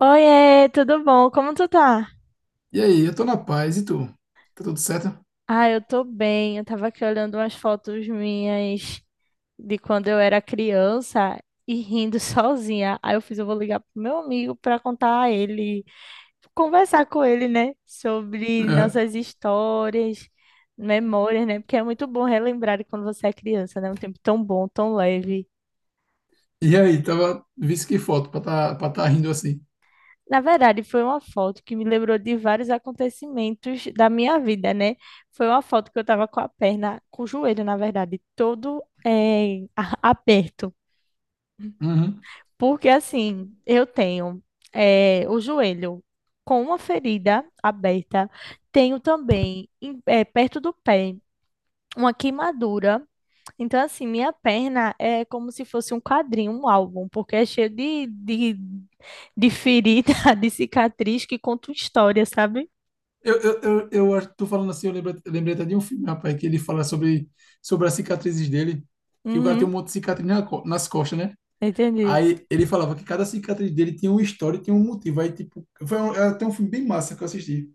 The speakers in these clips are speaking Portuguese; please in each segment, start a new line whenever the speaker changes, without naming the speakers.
Oiê, tudo bom? Como tu tá?
E aí, eu tô na paz, e tu? Tá tudo certo?
Ah, eu tô bem. Eu tava aqui olhando umas fotos minhas de quando eu era criança e rindo sozinha. Aí eu fiz, eu vou ligar pro meu amigo pra contar a ele, conversar com ele, né, sobre
É.
nossas histórias, memórias, né? Porque é muito bom relembrar de quando você é criança, né? Um tempo tão bom, tão leve.
E aí, tava, visse que foto pra tá rindo assim.
Na verdade, foi uma foto que me lembrou de vários acontecimentos da minha vida, né? Foi uma foto que eu tava com a perna, com o joelho, na verdade, todo aperto.
Uhum.
Porque assim, eu tenho o joelho com uma ferida aberta, tenho também perto do pé uma queimadura então, assim, minha perna é como se fosse um quadrinho, um álbum, porque é cheio de ferida, de cicatriz que conta uma história, sabe?
Eu acho que tu falando assim, lembrei até de um filme, rapaz, que ele fala sobre as cicatrizes dele, que o cara tem um
Uhum,
monte de cicatriz na nas costas, né?
entendi.
Aí ele falava que cada cicatriz dele tinha uma história e tinha um motivo. Aí, tipo, era até um filme bem massa que eu assisti.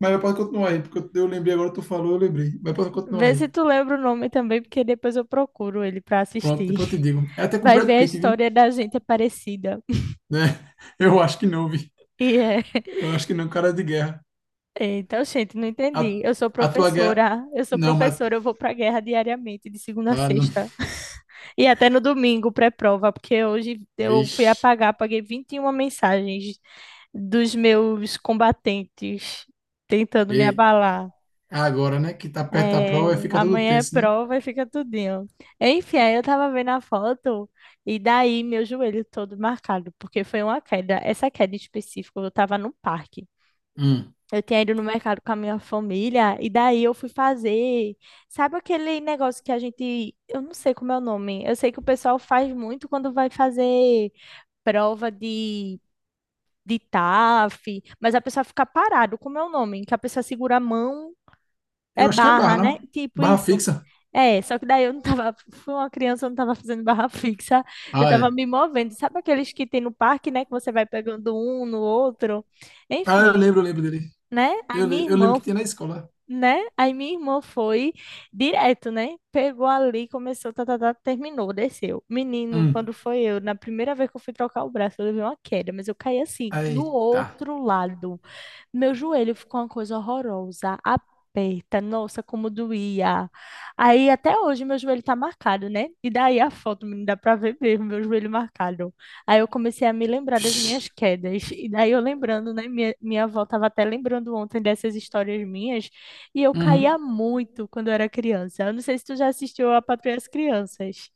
Mas pode continuar aí, porque eu lembrei agora, tu falou, eu lembrei. Mas pode continuar
Vê
aí.
se tu lembra o nome também, porque depois eu procuro ele pra
Pronto,
assistir.
depois eu te digo. É até com o
Vai ver
Brad
a
Pitt, vi?
história da gente é parecida.
Né? Eu acho que não, vi.
E é.
Eu acho que não, é um cara de guerra.
É, então, gente, não entendi.
A,
Eu sou
a tua guerra.
professora. Eu sou
Não, mas.
professora, eu vou pra guerra diariamente, de segunda a
Ah, não.
sexta. E até no domingo, pré-prova, porque hoje eu
Vixe.
paguei 21 mensagens dos meus combatentes tentando me
E
abalar.
agora, né? Que tá perto da
É,
prova e fica tudo
amanhã é
tenso, né?
prova e fica tudinho. Enfim, aí eu tava vendo a foto e daí meu joelho todo marcado, porque foi uma queda. Essa queda em específico, eu tava no parque.
Hum.
Eu tinha ido no mercado com a minha família e daí eu fui fazer. Sabe aquele negócio que a gente. Eu não sei como é o nome. Eu sei que o pessoal faz muito quando vai fazer prova de TAF, mas a pessoa fica parado. Como é o nome? Que a pessoa segura a mão,
Eu
é
acho que é barra,
barra,
não?
né? Tipo
Barra
isso.
fixa.
É, só que daí eu não tava. Fui uma criança, eu não tava fazendo barra fixa. Eu
Ah,
tava
é.
me movendo. Sabe aqueles que tem no parque, né? Que você vai pegando um no outro. Enfim,
Eu lembro dele.
né? A minha
Eu lembro
irmã
que tinha na escola.
né? Aí minha irmã foi direto, né? Pegou ali, começou, tá, tá, tá, terminou, desceu. Menino,
Hum.
quando foi eu, na primeira vez que eu fui trocar o braço, eu levei uma queda, mas eu caí assim, do
Eita.
outro lado. Meu joelho ficou uma coisa horrorosa, aperta, nossa, como doía. Aí até hoje meu joelho tá marcado, né? E daí a foto não dá pra ver mesmo, meu joelho marcado. Aí eu comecei a me lembrar das minhas
Vixe.
quedas. E daí eu lembrando, né? Minha avó tava até lembrando ontem dessas histórias minhas. E eu
Uhum.
caía muito quando eu era criança. Eu não sei se tu já assistiu a Patrulha das Crianças.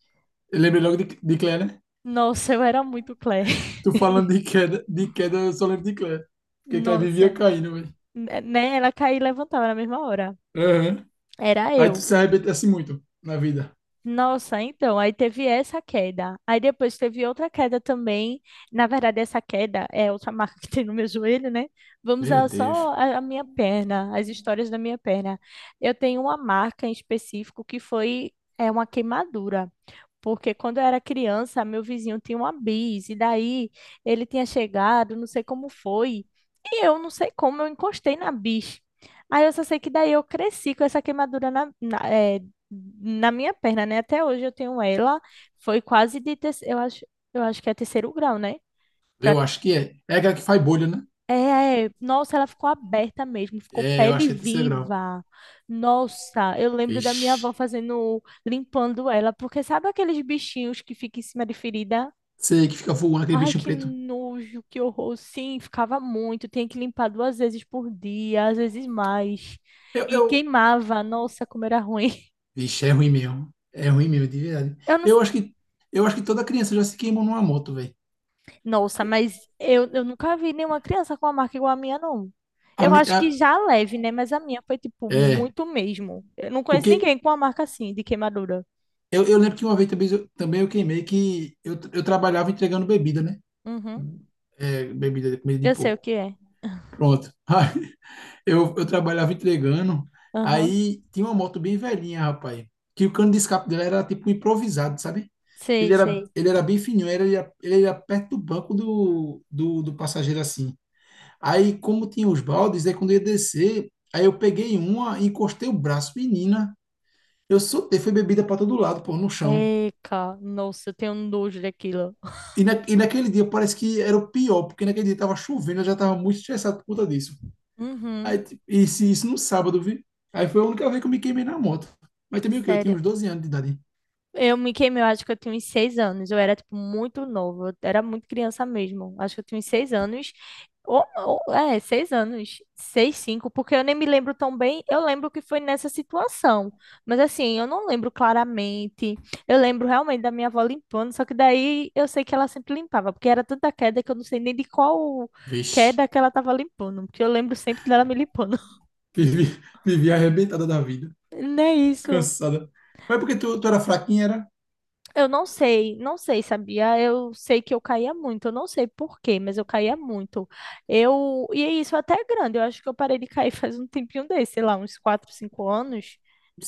Eu lembrei logo de Claire, né?
Nossa, eu era muito Claire.
Tu falando de queda, eu só lembro de Claire. Porque Claire
Nossa,
vivia caindo, velho.
né? Ela caía e levantava na mesma hora.
Aham.
Era
Aí tu
eu.
se arrebentasse muito na vida.
Nossa, então, aí teve essa queda. Aí depois teve outra queda também. Na verdade, essa queda é outra marca que tem no meu joelho, né? Vamos
Meu
a só
Deus.
a minha perna, as histórias da minha perna. Eu tenho uma marca em específico que foi é uma queimadura. Porque quando eu era criança, meu vizinho tinha uma bis, e daí ele tinha chegado, não sei como foi, e eu não sei como eu encostei na bis. Aí eu só sei que daí eu cresci com essa queimadura na minha perna, né? Até hoje eu tenho ela. Foi quase de terceiro, eu acho que é terceiro grau, né? Pra-
Eu acho que é. É aquela que faz bolha, né?
É, é. Nossa, ela ficou aberta mesmo, ficou
É, eu
pele
acho que é terceiro grau.
viva. Nossa, eu lembro da minha
Ixi.
avó fazendo, limpando ela, porque sabe aqueles bichinhos que ficam em cima de ferida?
Sei que fica voando aquele
Ai,
bicho
que
preto.
nojo, que horror. Sim, ficava muito, tinha que limpar 2 vezes por dia, às vezes mais.
Eu,
E
eu...
queimava, nossa, como era ruim.
Ixi, é ruim mesmo. É ruim mesmo, de verdade.
Eu não,
Eu acho que, eu acho que toda criança já se queimou numa moto, velho.
nossa, mas eu nunca vi nenhuma criança com uma marca igual a minha, não.
A
Eu
mi-
acho que
a-
já leve, né? Mas a minha foi, tipo,
É,
muito mesmo. Eu não conheço
porque
ninguém com uma marca assim, de queimadura.
eu lembro que uma vez também eu queimei que eu trabalhava entregando bebida, né?
Uhum.
É, bebida, comida de
Eu sei o
porco.
que é.
Pronto. Eu trabalhava entregando,
Aham.
aí tinha uma moto bem velhinha, rapaz, que o cano de escape dela era tipo improvisado, sabe?
Sei, sei.
Ele era bem fininho, ele era perto do banco do passageiro assim. Aí, como tinha os baldes, aí quando eu ia descer, aí eu peguei uma, encostei o braço, menina, eu soltei, foi bebida para todo lado, pô, no chão.
Eca, nossa, eu tenho nojo daquilo.
E naquele dia parece que era o pior, porque naquele dia tava chovendo, eu já tava muito estressado por conta disso.
Uhum.
Aí, tipo, isso no sábado, vi. Aí foi a única vez que eu me queimei na moto. Mas também o quê? Eu tinha
Sério.
uns doze anos de idade.
Eu me queimei, eu acho que eu tinha uns 6 anos. Eu era, tipo, muito novo. Eu era muito criança mesmo. Acho que eu tinha uns seis anos. Ou, é, 6 anos. Seis, cinco, porque eu nem me lembro tão bem. Eu lembro que foi nessa situação. Mas, assim, eu não lembro claramente. Eu lembro realmente da minha avó limpando, só que daí eu sei que ela sempre limpava, porque era tanta queda que eu não sei nem de qual
Vixe,
queda que ela tava limpando, porque eu lembro sempre dela me limpando.
vivi, vivi arrebentada da vida.
Não é isso.
Cansada. Mas porque tu era fraquinha, era
Eu não sei, não sei, sabia? Eu sei que eu caía muito, eu não sei por quê, mas eu caía muito. Eu, e é isso até é grande, eu acho que eu parei de cair faz um tempinho desse, sei lá, uns 4, 5 anos.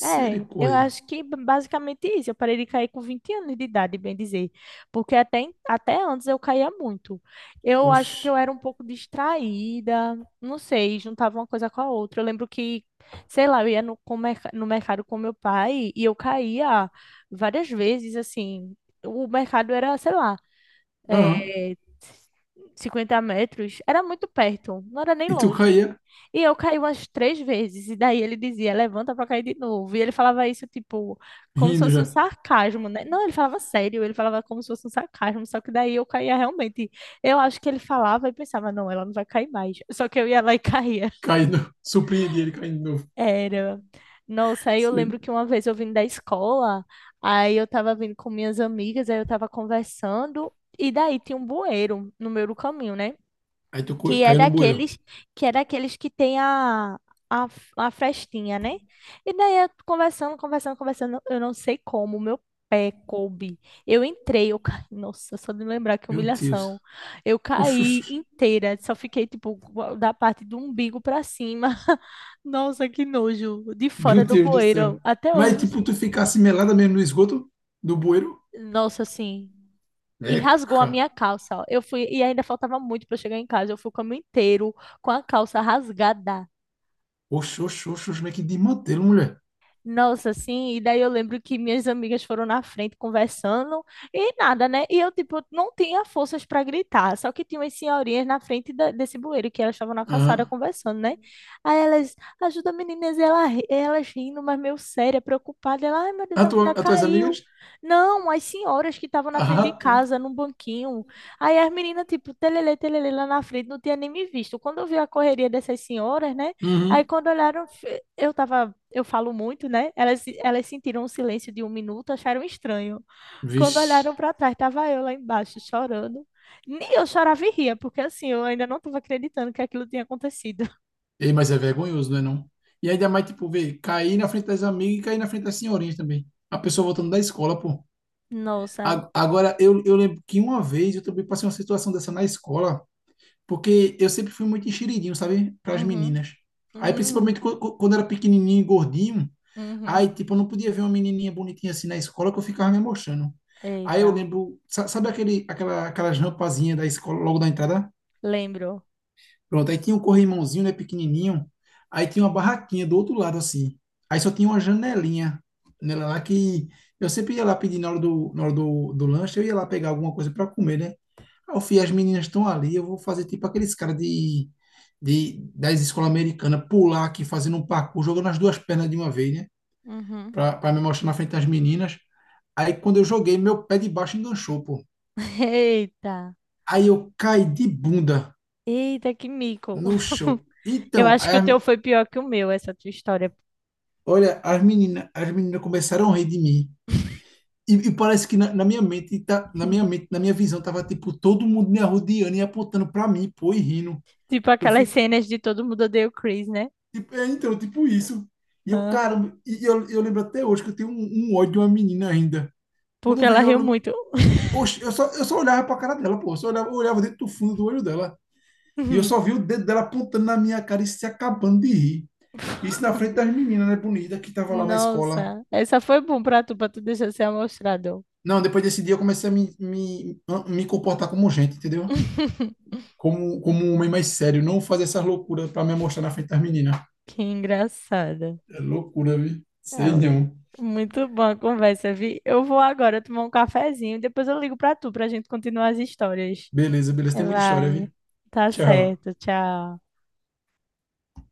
É, eu acho que basicamente isso, eu parei de cair com 20 anos de idade, bem dizer, porque até, até antes eu caía muito. Eu acho que
Oxe.
eu era um pouco distraída, não sei, juntava uma coisa com a outra. Eu lembro que, sei lá, eu ia no, com no mercado com meu pai e eu caía várias vezes, assim. O mercado era, sei lá,
Aham.
é, 50 metros, era muito perto, não era nem
E tu
longe.
caía
E eu caí umas 3 vezes, e daí ele dizia, levanta pra cair de novo. E ele falava isso, tipo, como se
rindo
fosse um
já.
sarcasmo, né? Não, ele falava sério, ele falava como se fosse um sarcasmo, só que daí eu caía realmente. Eu acho que ele falava e pensava, não, ela não vai cair mais. Só que eu ia lá e caía.
Caindo. Surpreendi ele caindo de novo.
Era. Nossa, aí eu
Sei.
lembro que uma vez eu vim da escola, aí eu tava vindo com minhas amigas, aí eu tava conversando, e daí tinha um bueiro no meio do caminho, né?
Aí
que é
caiu no bueiro.
daqueles que é daqueles que tem a, a frestinha, né? E daí eu conversando, conversando, conversando, eu não sei como, meu pé coube. Eu entrei, eu caí, nossa, só de lembrar que
Meu Deus.
humilhação. Eu
Oxe, oxe,
caí
oxe.
inteira, só fiquei tipo da parte do umbigo pra cima. Nossa, que nojo, de
Meu
fora do
Deus do céu.
bueiro, até hoje.
Mas tipo, tu ficasse melada mesmo no esgoto do bueiro?
Nossa, assim, e rasgou a
Eca.
minha calça. Ó. Eu fui e ainda faltava muito para chegar em casa. Eu fui o caminho inteiro com a calça rasgada.
Oxe, oxe, oxe, oxe, como é que de mantê-lo, mulher.
Nossa, assim, e daí eu lembro que minhas amigas foram na frente conversando e nada, né? E eu, tipo, não tinha forças para gritar, só que tinha umas senhorinhas na frente desse bueiro que elas estavam na calçada
Aham.
conversando, né? Aí elas, ajuda meninas, e ela, elas rindo, mas meio séria, preocupada. Ela, ai meu Deus, a menina
As tuas amigas?
caiu. Não, as senhoras que estavam na frente de
Ah, tá.
casa, num banquinho. Aí as meninas, tipo, telele, telele lá na frente, não tinha nem me visto. Quando eu vi a correria dessas senhoras, né? Aí
Uhum.
quando olharam, eu tava eu falo muito, né? Elas sentiram um silêncio de um minuto, acharam estranho. Quando
Vixe.
olharam para trás, estava eu lá embaixo chorando. Nem eu chorava e ria, porque assim, eu ainda não estava acreditando que aquilo tinha acontecido.
Ei, mas é vergonhoso, não é não? E ainda mais, tipo, ver, cair na frente das amigas e cair na frente das senhorinhas também. A pessoa voltando da escola, pô.
Nossa.
Agora, eu lembro que uma vez eu também passei uma situação dessa na escola. Porque eu sempre fui muito enxeridinho, sabe? Para as
Uhum.
meninas. Aí,
Uhum.
principalmente quando era pequenininho e gordinho,
Uhum.
aí, tipo, eu não podia ver uma menininha bonitinha assim na escola que eu ficava me mostrando. Aí eu
Eita.
lembro, sabe aquelas rampazinhas da escola logo da entrada?
Lembro.
Pronto, aí tinha um corrimãozinho, né, pequenininho. Aí tinha uma barraquinha do outro lado, assim. Aí só tinha uma janelinha nela lá que eu sempre ia lá pedir na hora na hora do lanche, eu ia lá pegar alguma coisa para comer, né? Ah, eu fui, as meninas estão ali, eu vou fazer tipo aqueles caras de, das escolas americanas, pular aqui, fazendo um parkour, jogando as duas pernas de uma vez, né?
Uhum.
Pra me mostrar na frente das meninas. Aí quando eu joguei, meu pé de baixo enganchou, pô.
Eita.
Aí eu caí de bunda
Eita, que mico.
no chão.
Eu
Então,
acho que o teu foi pior que o meu, essa tua história.
olha, as meninas começaram a rir de mim. E parece que na minha mente, tá, na minha mente, na minha visão, tava tipo todo mundo me arrodeando e apontando pra mim, pô, e rindo.
Tipo
Eu
aquelas cenas de todo mundo odeia o Chris, né?
É, então, tipo isso. E eu, cara,
Ah.
e eu lembro até hoje que eu tenho um ódio de uma menina ainda. Quando
Porque
eu
ela
vejo ela.
riu
no-
muito.
Oxe, eu só olhava pra cara dela, pô. Eu olhava dentro do fundo do olho dela. E eu só vi o dedo dela apontando na minha cara e se acabando de rir. Isso na frente das meninas, né, bonita, que tava lá na escola.
Nossa, essa foi bom pra tu deixar ser amostrador.
Não, depois desse dia eu comecei me comportar como gente, entendeu? Como um homem mais sério. Não fazer essas loucuras pra me mostrar na frente das meninas.
Que engraçada.
É loucura, vi. Sei
Ah,
não.
muito boa a conversa, vi. Eu vou agora tomar um cafezinho, depois eu ligo pra tu, pra gente continuar as histórias.
Beleza, beleza.
É,
Tem muita história, vi.
vai. Tá
Tchau.
certo, tchau.